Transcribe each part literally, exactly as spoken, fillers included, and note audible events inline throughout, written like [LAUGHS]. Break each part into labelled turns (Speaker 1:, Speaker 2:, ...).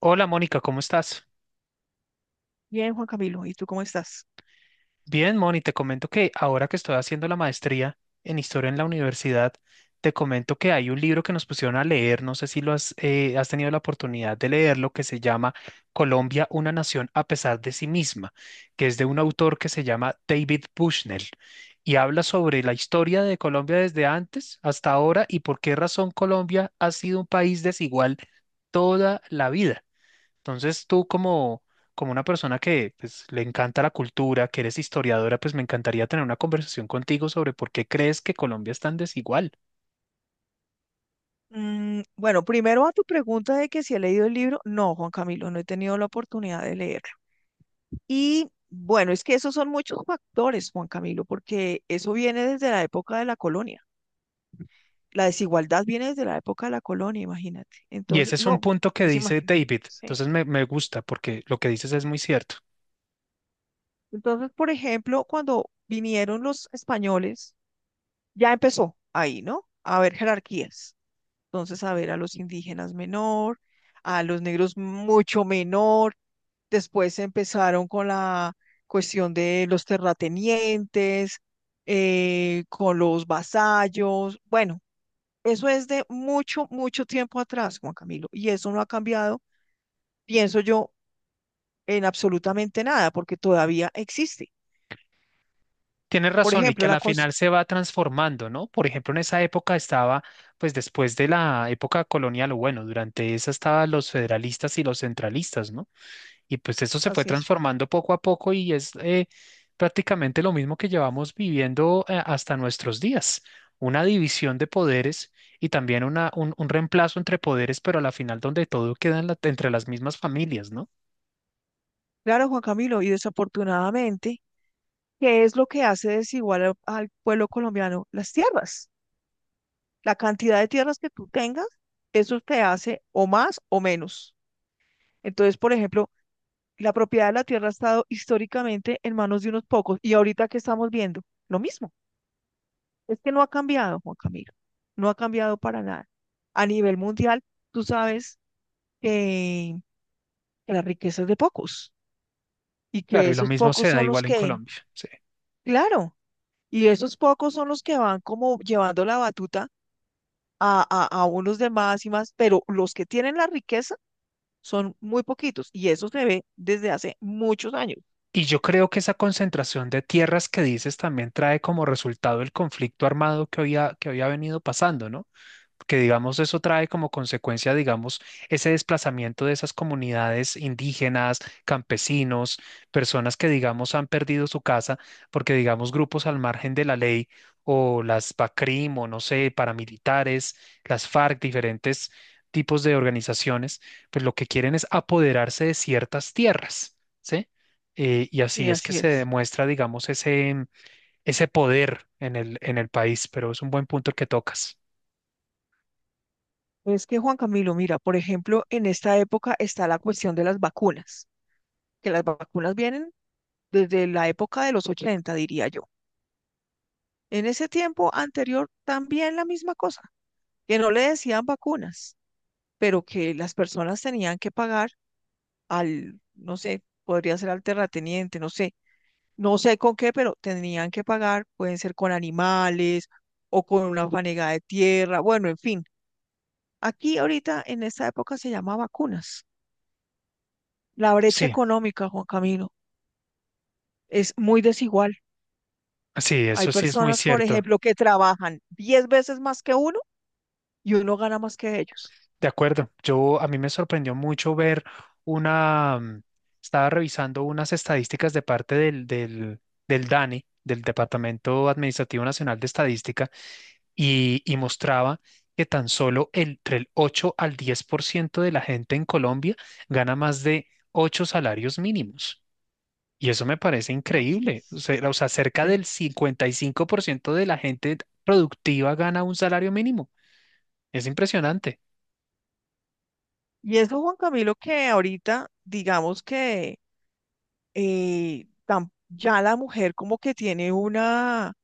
Speaker 1: Hola Mónica, ¿cómo estás?
Speaker 2: Bien, Juan Camilo, ¿y tú cómo estás?
Speaker 1: Bien, Moni, te comento que ahora que estoy haciendo la maestría en historia en la universidad, te comento que hay un libro que nos pusieron a leer, no sé si lo has, eh, has tenido la oportunidad de leerlo, que se llama Colombia, una nación a pesar de sí misma, que es de un autor que se llama David Bushnell y habla sobre la historia de Colombia desde antes hasta ahora y por qué razón Colombia ha sido un país desigual toda la vida. Entonces tú como, como una persona que pues, le encanta la cultura, que eres historiadora, pues me encantaría tener una conversación contigo sobre por qué crees que Colombia es tan desigual.
Speaker 2: Mm, bueno, primero a tu pregunta de que si he leído el libro. No, Juan Camilo, no he tenido la oportunidad de leerlo. Y bueno, es que esos son muchos factores, Juan Camilo, porque eso viene desde la época de la colonia. La desigualdad viene desde la época de la colonia, imagínate.
Speaker 1: Y
Speaker 2: Entonces,
Speaker 1: ese es un
Speaker 2: no,
Speaker 1: punto que
Speaker 2: pues
Speaker 1: dice
Speaker 2: imagínate.
Speaker 1: David.
Speaker 2: Sí.
Speaker 1: Entonces me, me gusta porque lo que dices es muy cierto.
Speaker 2: Entonces, por ejemplo, cuando vinieron los españoles, ya empezó ahí, ¿no? A haber jerarquías. Entonces, a ver, a los indígenas menor, a los negros mucho menor. Después empezaron con la cuestión de los terratenientes, eh, con los vasallos. Bueno, eso es de mucho, mucho tiempo atrás, Juan Camilo, y eso no ha cambiado, pienso yo, en absolutamente nada, porque todavía existe.
Speaker 1: Tienes
Speaker 2: Por
Speaker 1: razón y que
Speaker 2: ejemplo,
Speaker 1: a
Speaker 2: la
Speaker 1: la
Speaker 2: cosa,
Speaker 1: final se va transformando, ¿no? Por ejemplo, en esa época estaba, pues después de la época colonial, o bueno, durante esa estaban los federalistas y los centralistas, ¿no? Y pues eso se fue
Speaker 2: así es.
Speaker 1: transformando poco a poco y es eh, prácticamente lo mismo que llevamos viviendo eh, hasta nuestros días. Una división de poderes y también una, un, un reemplazo entre poderes, pero a la final donde todo queda en la- entre las mismas familias, ¿no?
Speaker 2: Claro, Juan Camilo, y desafortunadamente, ¿qué es lo que hace desigual al al pueblo colombiano? Las tierras. La cantidad de tierras que tú tengas, eso te hace o más o menos. Entonces, por ejemplo, la propiedad de la tierra ha estado históricamente en manos de unos pocos y ahorita que estamos viendo, lo mismo. Es que no ha cambiado, Juan Camilo. No ha cambiado para nada. A nivel mundial, tú sabes que, que la riqueza es de pocos y
Speaker 1: Claro,
Speaker 2: que
Speaker 1: y lo
Speaker 2: esos
Speaker 1: mismo
Speaker 2: pocos
Speaker 1: se da
Speaker 2: son los
Speaker 1: igual en
Speaker 2: que,
Speaker 1: Colombia. Sí.
Speaker 2: claro, y esos pocos son los que van como llevando la batuta a, a, a unos demás y más, pero los que tienen la riqueza son muy poquitos y eso se ve desde hace muchos años.
Speaker 1: Y yo creo que esa concentración de tierras que dices también trae como resultado el conflicto armado que había, que había venido pasando, ¿no? Que digamos eso trae como consecuencia, digamos, ese desplazamiento de esas comunidades indígenas, campesinos, personas que digamos han perdido su casa porque digamos grupos al margen de la ley o las BACRIM o no sé, paramilitares, las FARC, diferentes tipos de organizaciones, pues lo que quieren es apoderarse de ciertas tierras, ¿sí? Eh, y
Speaker 2: Y
Speaker 1: así es que
Speaker 2: así
Speaker 1: se
Speaker 2: es.
Speaker 1: demuestra, digamos, ese, ese poder en el, en el país, pero es un buen punto el que tocas.
Speaker 2: Es que Juan Camilo, mira, por ejemplo, en esta época está la cuestión de las vacunas, que las vacunas vienen desde la época de los ochenta diría yo. En ese tiempo anterior también la misma cosa, que no le decían vacunas, pero que las personas tenían que pagar al, no sé, podría ser al terrateniente, no sé, no sé con qué, pero tendrían que pagar, pueden ser con animales o con una fanega de tierra, bueno, en fin. Aquí ahorita en esta época se llama vacunas. La brecha
Speaker 1: Sí.
Speaker 2: económica, Juan Camilo, es muy desigual.
Speaker 1: Sí,
Speaker 2: Hay
Speaker 1: eso sí es muy
Speaker 2: personas, por
Speaker 1: cierto.
Speaker 2: ejemplo, que trabajan diez veces más que uno y uno gana más que ellos.
Speaker 1: De acuerdo. Yo a mí me sorprendió mucho ver una, mm, estaba revisando unas estadísticas de parte del, del, del DANE, del Departamento Administrativo Nacional de Estadística, y, y mostraba que tan solo el- entre el ocho al diez por ciento de la gente en Colombia gana más de ocho salarios mínimos. Y eso me parece
Speaker 2: Así
Speaker 1: increíble. O
Speaker 2: es.
Speaker 1: sea, o sea, cerca del
Speaker 2: Sí.
Speaker 1: cincuenta y cinco por ciento de la gente productiva gana un salario mínimo. Es impresionante.
Speaker 2: Y eso, Juan Camilo, que ahorita digamos que eh, tam- ya la mujer como que tiene una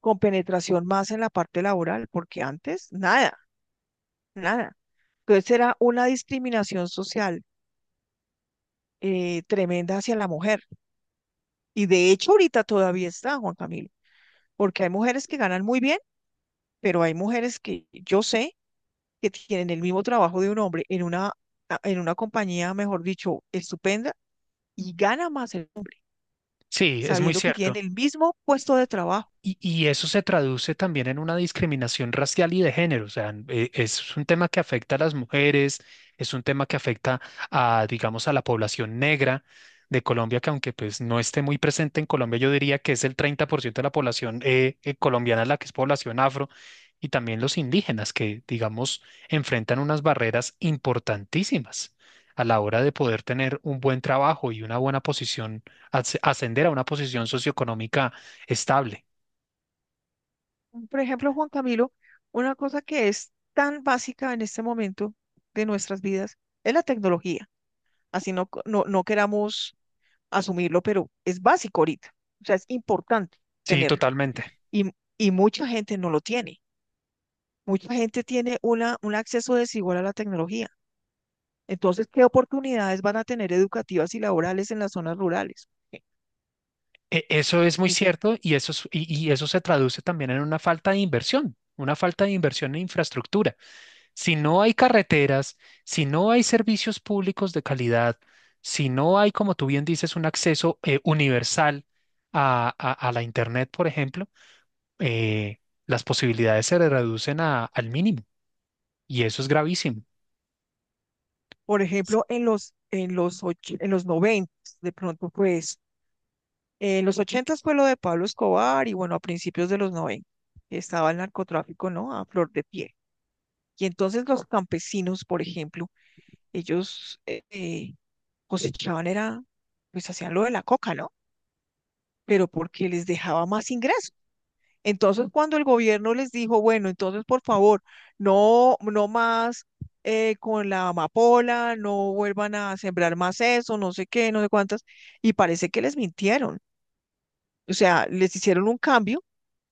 Speaker 2: con penetración más en la parte laboral, porque antes nada, nada. Entonces era una discriminación social eh, tremenda hacia la mujer. Y de hecho ahorita todavía está, Juan Camilo, porque hay mujeres que ganan muy bien, pero hay mujeres que yo sé que tienen el mismo trabajo de un hombre en una, en una compañía, mejor dicho, estupenda, y gana más el hombre,
Speaker 1: Sí, es muy
Speaker 2: sabiendo que tienen
Speaker 1: cierto.
Speaker 2: el mismo puesto de trabajo.
Speaker 1: Y, y eso se traduce también en una discriminación racial y de género. O sea, n- eh, es un tema que afecta a las mujeres, es un tema que afecta a, digamos, a la población negra de Colombia, que aunque pues no esté muy presente en Colombia, yo diría que es el treinta por ciento de la población eh, eh, colombiana la que es población afro, y también los indígenas que, digamos, enfrentan unas barreras importantísimas a la hora de poder tener un buen trabajo y una buena posición, as- ascender a una posición socioeconómica estable.
Speaker 2: Por ejemplo, Juan Camilo, una cosa que es tan básica en este momento de nuestras vidas es la tecnología. Así no, co- no, no queramos asumirlo, pero es básico ahorita. O sea, es importante
Speaker 1: Sí,
Speaker 2: tenerlo.
Speaker 1: totalmente.
Speaker 2: Y, y mucha gente no lo tiene. Mucha gente tiene una, un acceso desigual a la tecnología. Entonces, ¿qué oportunidades van a tener educativas y laborales en las zonas rurales?
Speaker 1: E- Eso es muy
Speaker 2: Es-
Speaker 1: cierto y eso, es- y, y eso se traduce también en una falta de inversión, una falta de inversión en infraestructura. Si no hay carreteras, si no hay servicios públicos de calidad, si no hay, como tú bien dices, un acceso eh, universal a, a- a la Internet, por ejemplo, eh, las posibilidades se reducen a- al mínimo y eso es gravísimo.
Speaker 2: por ejemplo, en los, en los, och- en los noventa de pronto, pues Eh, en los ochentas fue lo de Pablo Escobar y bueno, a principios de los noventa estaba el narcotráfico, ¿no? A flor de pie. Y entonces los campesinos, por ejemplo, ellos eh, eh, cosechaban, era, pues hacían lo de la coca, ¿no? Pero porque les dejaba más ingreso. Entonces cuando el gobierno les dijo, bueno, entonces por favor, no, no más eh, con la amapola, no vuelvan a sembrar más eso, no sé qué, no sé cuántas, y parece que les mintieron. O sea, les hicieron un cambio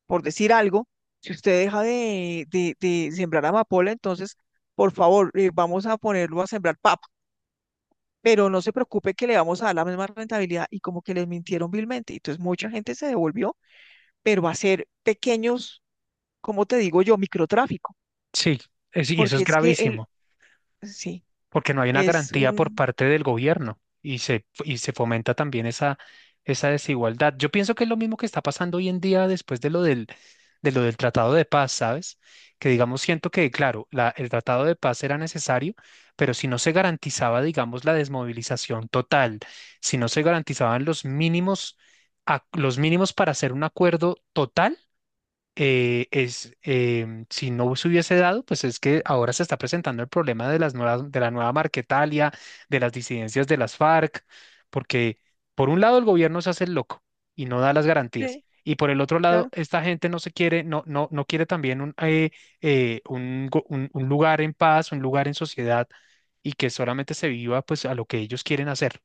Speaker 2: por decir algo, si usted deja de, de- de sembrar amapola, entonces, por favor, eh, vamos a ponerlo a sembrar papa, pero no se preocupe que le vamos a dar la misma rentabilidad y como que les mintieron vilmente. Entonces, mucha gente se devolvió, pero va a ser pequeños, como te digo yo, microtráfico,
Speaker 1: Sí, es- y eso
Speaker 2: porque
Speaker 1: es
Speaker 2: es que el,
Speaker 1: gravísimo.
Speaker 2: sí,
Speaker 1: Porque no hay una
Speaker 2: es
Speaker 1: garantía por
Speaker 2: un,
Speaker 1: parte del gobierno y se, y se fomenta también esa, esa desigualdad. Yo pienso que es lo mismo que está pasando hoy en día después de lo del, de lo del Tratado de Paz, ¿sabes? Que digamos, siento que, claro, la- el Tratado de Paz era necesario, pero si no se garantizaba, digamos, la desmovilización total, si no se garantizaban los mínimos, ac- los mínimos para hacer un acuerdo total, eh, es, em, si no se hubiese dado, pues es que ahora se está presentando el problema de las nuevas, de la nueva Marquetalia, de las disidencias de las FARC, porque por un lado el gobierno se hace el loco y no da las garantías,
Speaker 2: sí,
Speaker 1: y por el otro lado
Speaker 2: claro.
Speaker 1: esta gente no se quiere, no, no, no quiere también un, eh, eh, un, go- un- un lugar en paz, un lugar en sociedad y que solamente se viva pues a lo que ellos quieren hacer.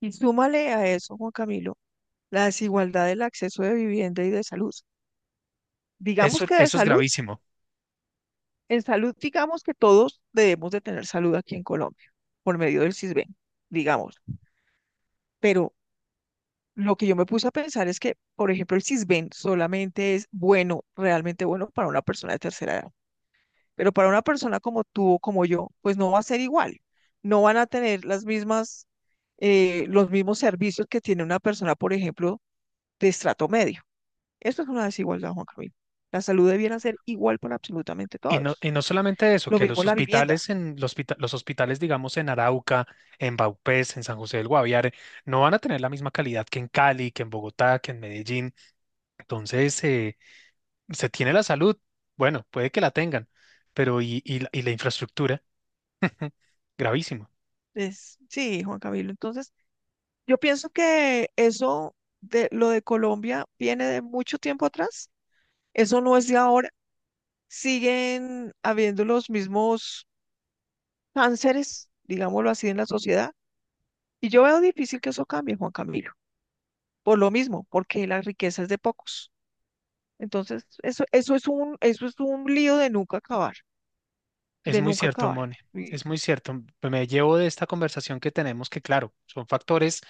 Speaker 2: Y súmale a eso, Juan Camilo, la desigualdad del acceso de vivienda y de salud. Digamos
Speaker 1: Eso,
Speaker 2: que de
Speaker 1: eso es
Speaker 2: salud.
Speaker 1: gravísimo.
Speaker 2: En salud, digamos que todos debemos de tener salud aquí en Colombia, por medio del CISBEN, digamos. Pero lo que yo me puse a pensar es que, por ejemplo, el CISBEN solamente es bueno, realmente bueno para una persona de tercera edad. Pero para una persona como tú o como yo, pues no va a ser igual. No van a tener las mismas, eh, los mismos servicios que tiene una persona, por ejemplo, de estrato medio. Esto es una desigualdad, Juan Camilo. La salud debiera ser igual para absolutamente
Speaker 1: Y no,
Speaker 2: todos.
Speaker 1: y no solamente eso,
Speaker 2: Lo
Speaker 1: que
Speaker 2: mismo
Speaker 1: los
Speaker 2: la vivienda.
Speaker 1: hospitales en los, hospita- los hospitales, digamos, en Arauca, en Vaupés, en San José del Guaviare, no van a tener la misma calidad que en Cali, que en Bogotá, que en Medellín. Entonces, eh, se tiene la salud. Bueno, puede que la tengan, pero y, y la y la infraestructura, [LAUGHS] gravísimo.
Speaker 2: Es, sí, Juan Camilo. Entonces, yo pienso que eso de lo de Colombia viene de mucho tiempo atrás. Eso no es de ahora. Siguen habiendo los mismos cánceres, digámoslo así, en la sociedad. Y yo veo difícil que eso cambie, Juan Camilo. Por lo mismo, porque la riqueza es de pocos. Entonces, eso, eso es un, eso es un lío de nunca acabar,
Speaker 1: Es
Speaker 2: de
Speaker 1: muy
Speaker 2: nunca
Speaker 1: cierto,
Speaker 2: acabar.
Speaker 1: Mone.
Speaker 2: Y
Speaker 1: Es muy cierto. Me llevo de esta conversación que tenemos que, claro, son factores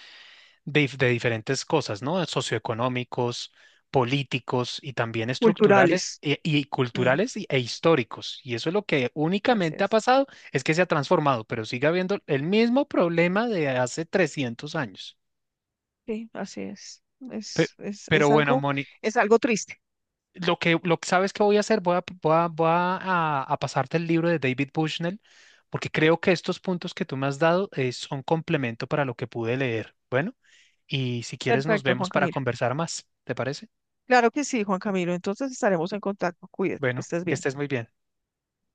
Speaker 1: de, dif- de diferentes cosas, ¿no? Socioeconómicos, políticos y también estructurales
Speaker 2: culturales.
Speaker 1: e- y
Speaker 2: Mm,
Speaker 1: culturales y- e históricos. Y eso es lo que
Speaker 2: así
Speaker 1: únicamente ha
Speaker 2: es.
Speaker 1: pasado, es que se ha transformado, pero sigue habiendo el mismo problema de hace trescientos años.
Speaker 2: Sí, así es.
Speaker 1: Pe-
Speaker 2: Es, es,
Speaker 1: Pero
Speaker 2: es
Speaker 1: bueno,
Speaker 2: algo,
Speaker 1: Moni,
Speaker 2: es algo triste.
Speaker 1: lo que, lo que sabes que voy a hacer, voy a, voy a, voy a, a- a pasarte el libro de David Bushnell, porque creo que estos puntos que tú me has dado eh, son complemento para lo que pude leer. Bueno, y si quieres nos
Speaker 2: Perfecto, Juan
Speaker 1: vemos para
Speaker 2: Camilo.
Speaker 1: conversar más, ¿te parece?
Speaker 2: Claro que sí, Juan Camilo. Entonces estaremos en contacto. Cuídate, que
Speaker 1: Bueno,
Speaker 2: estés
Speaker 1: que
Speaker 2: bien.
Speaker 1: estés muy bien.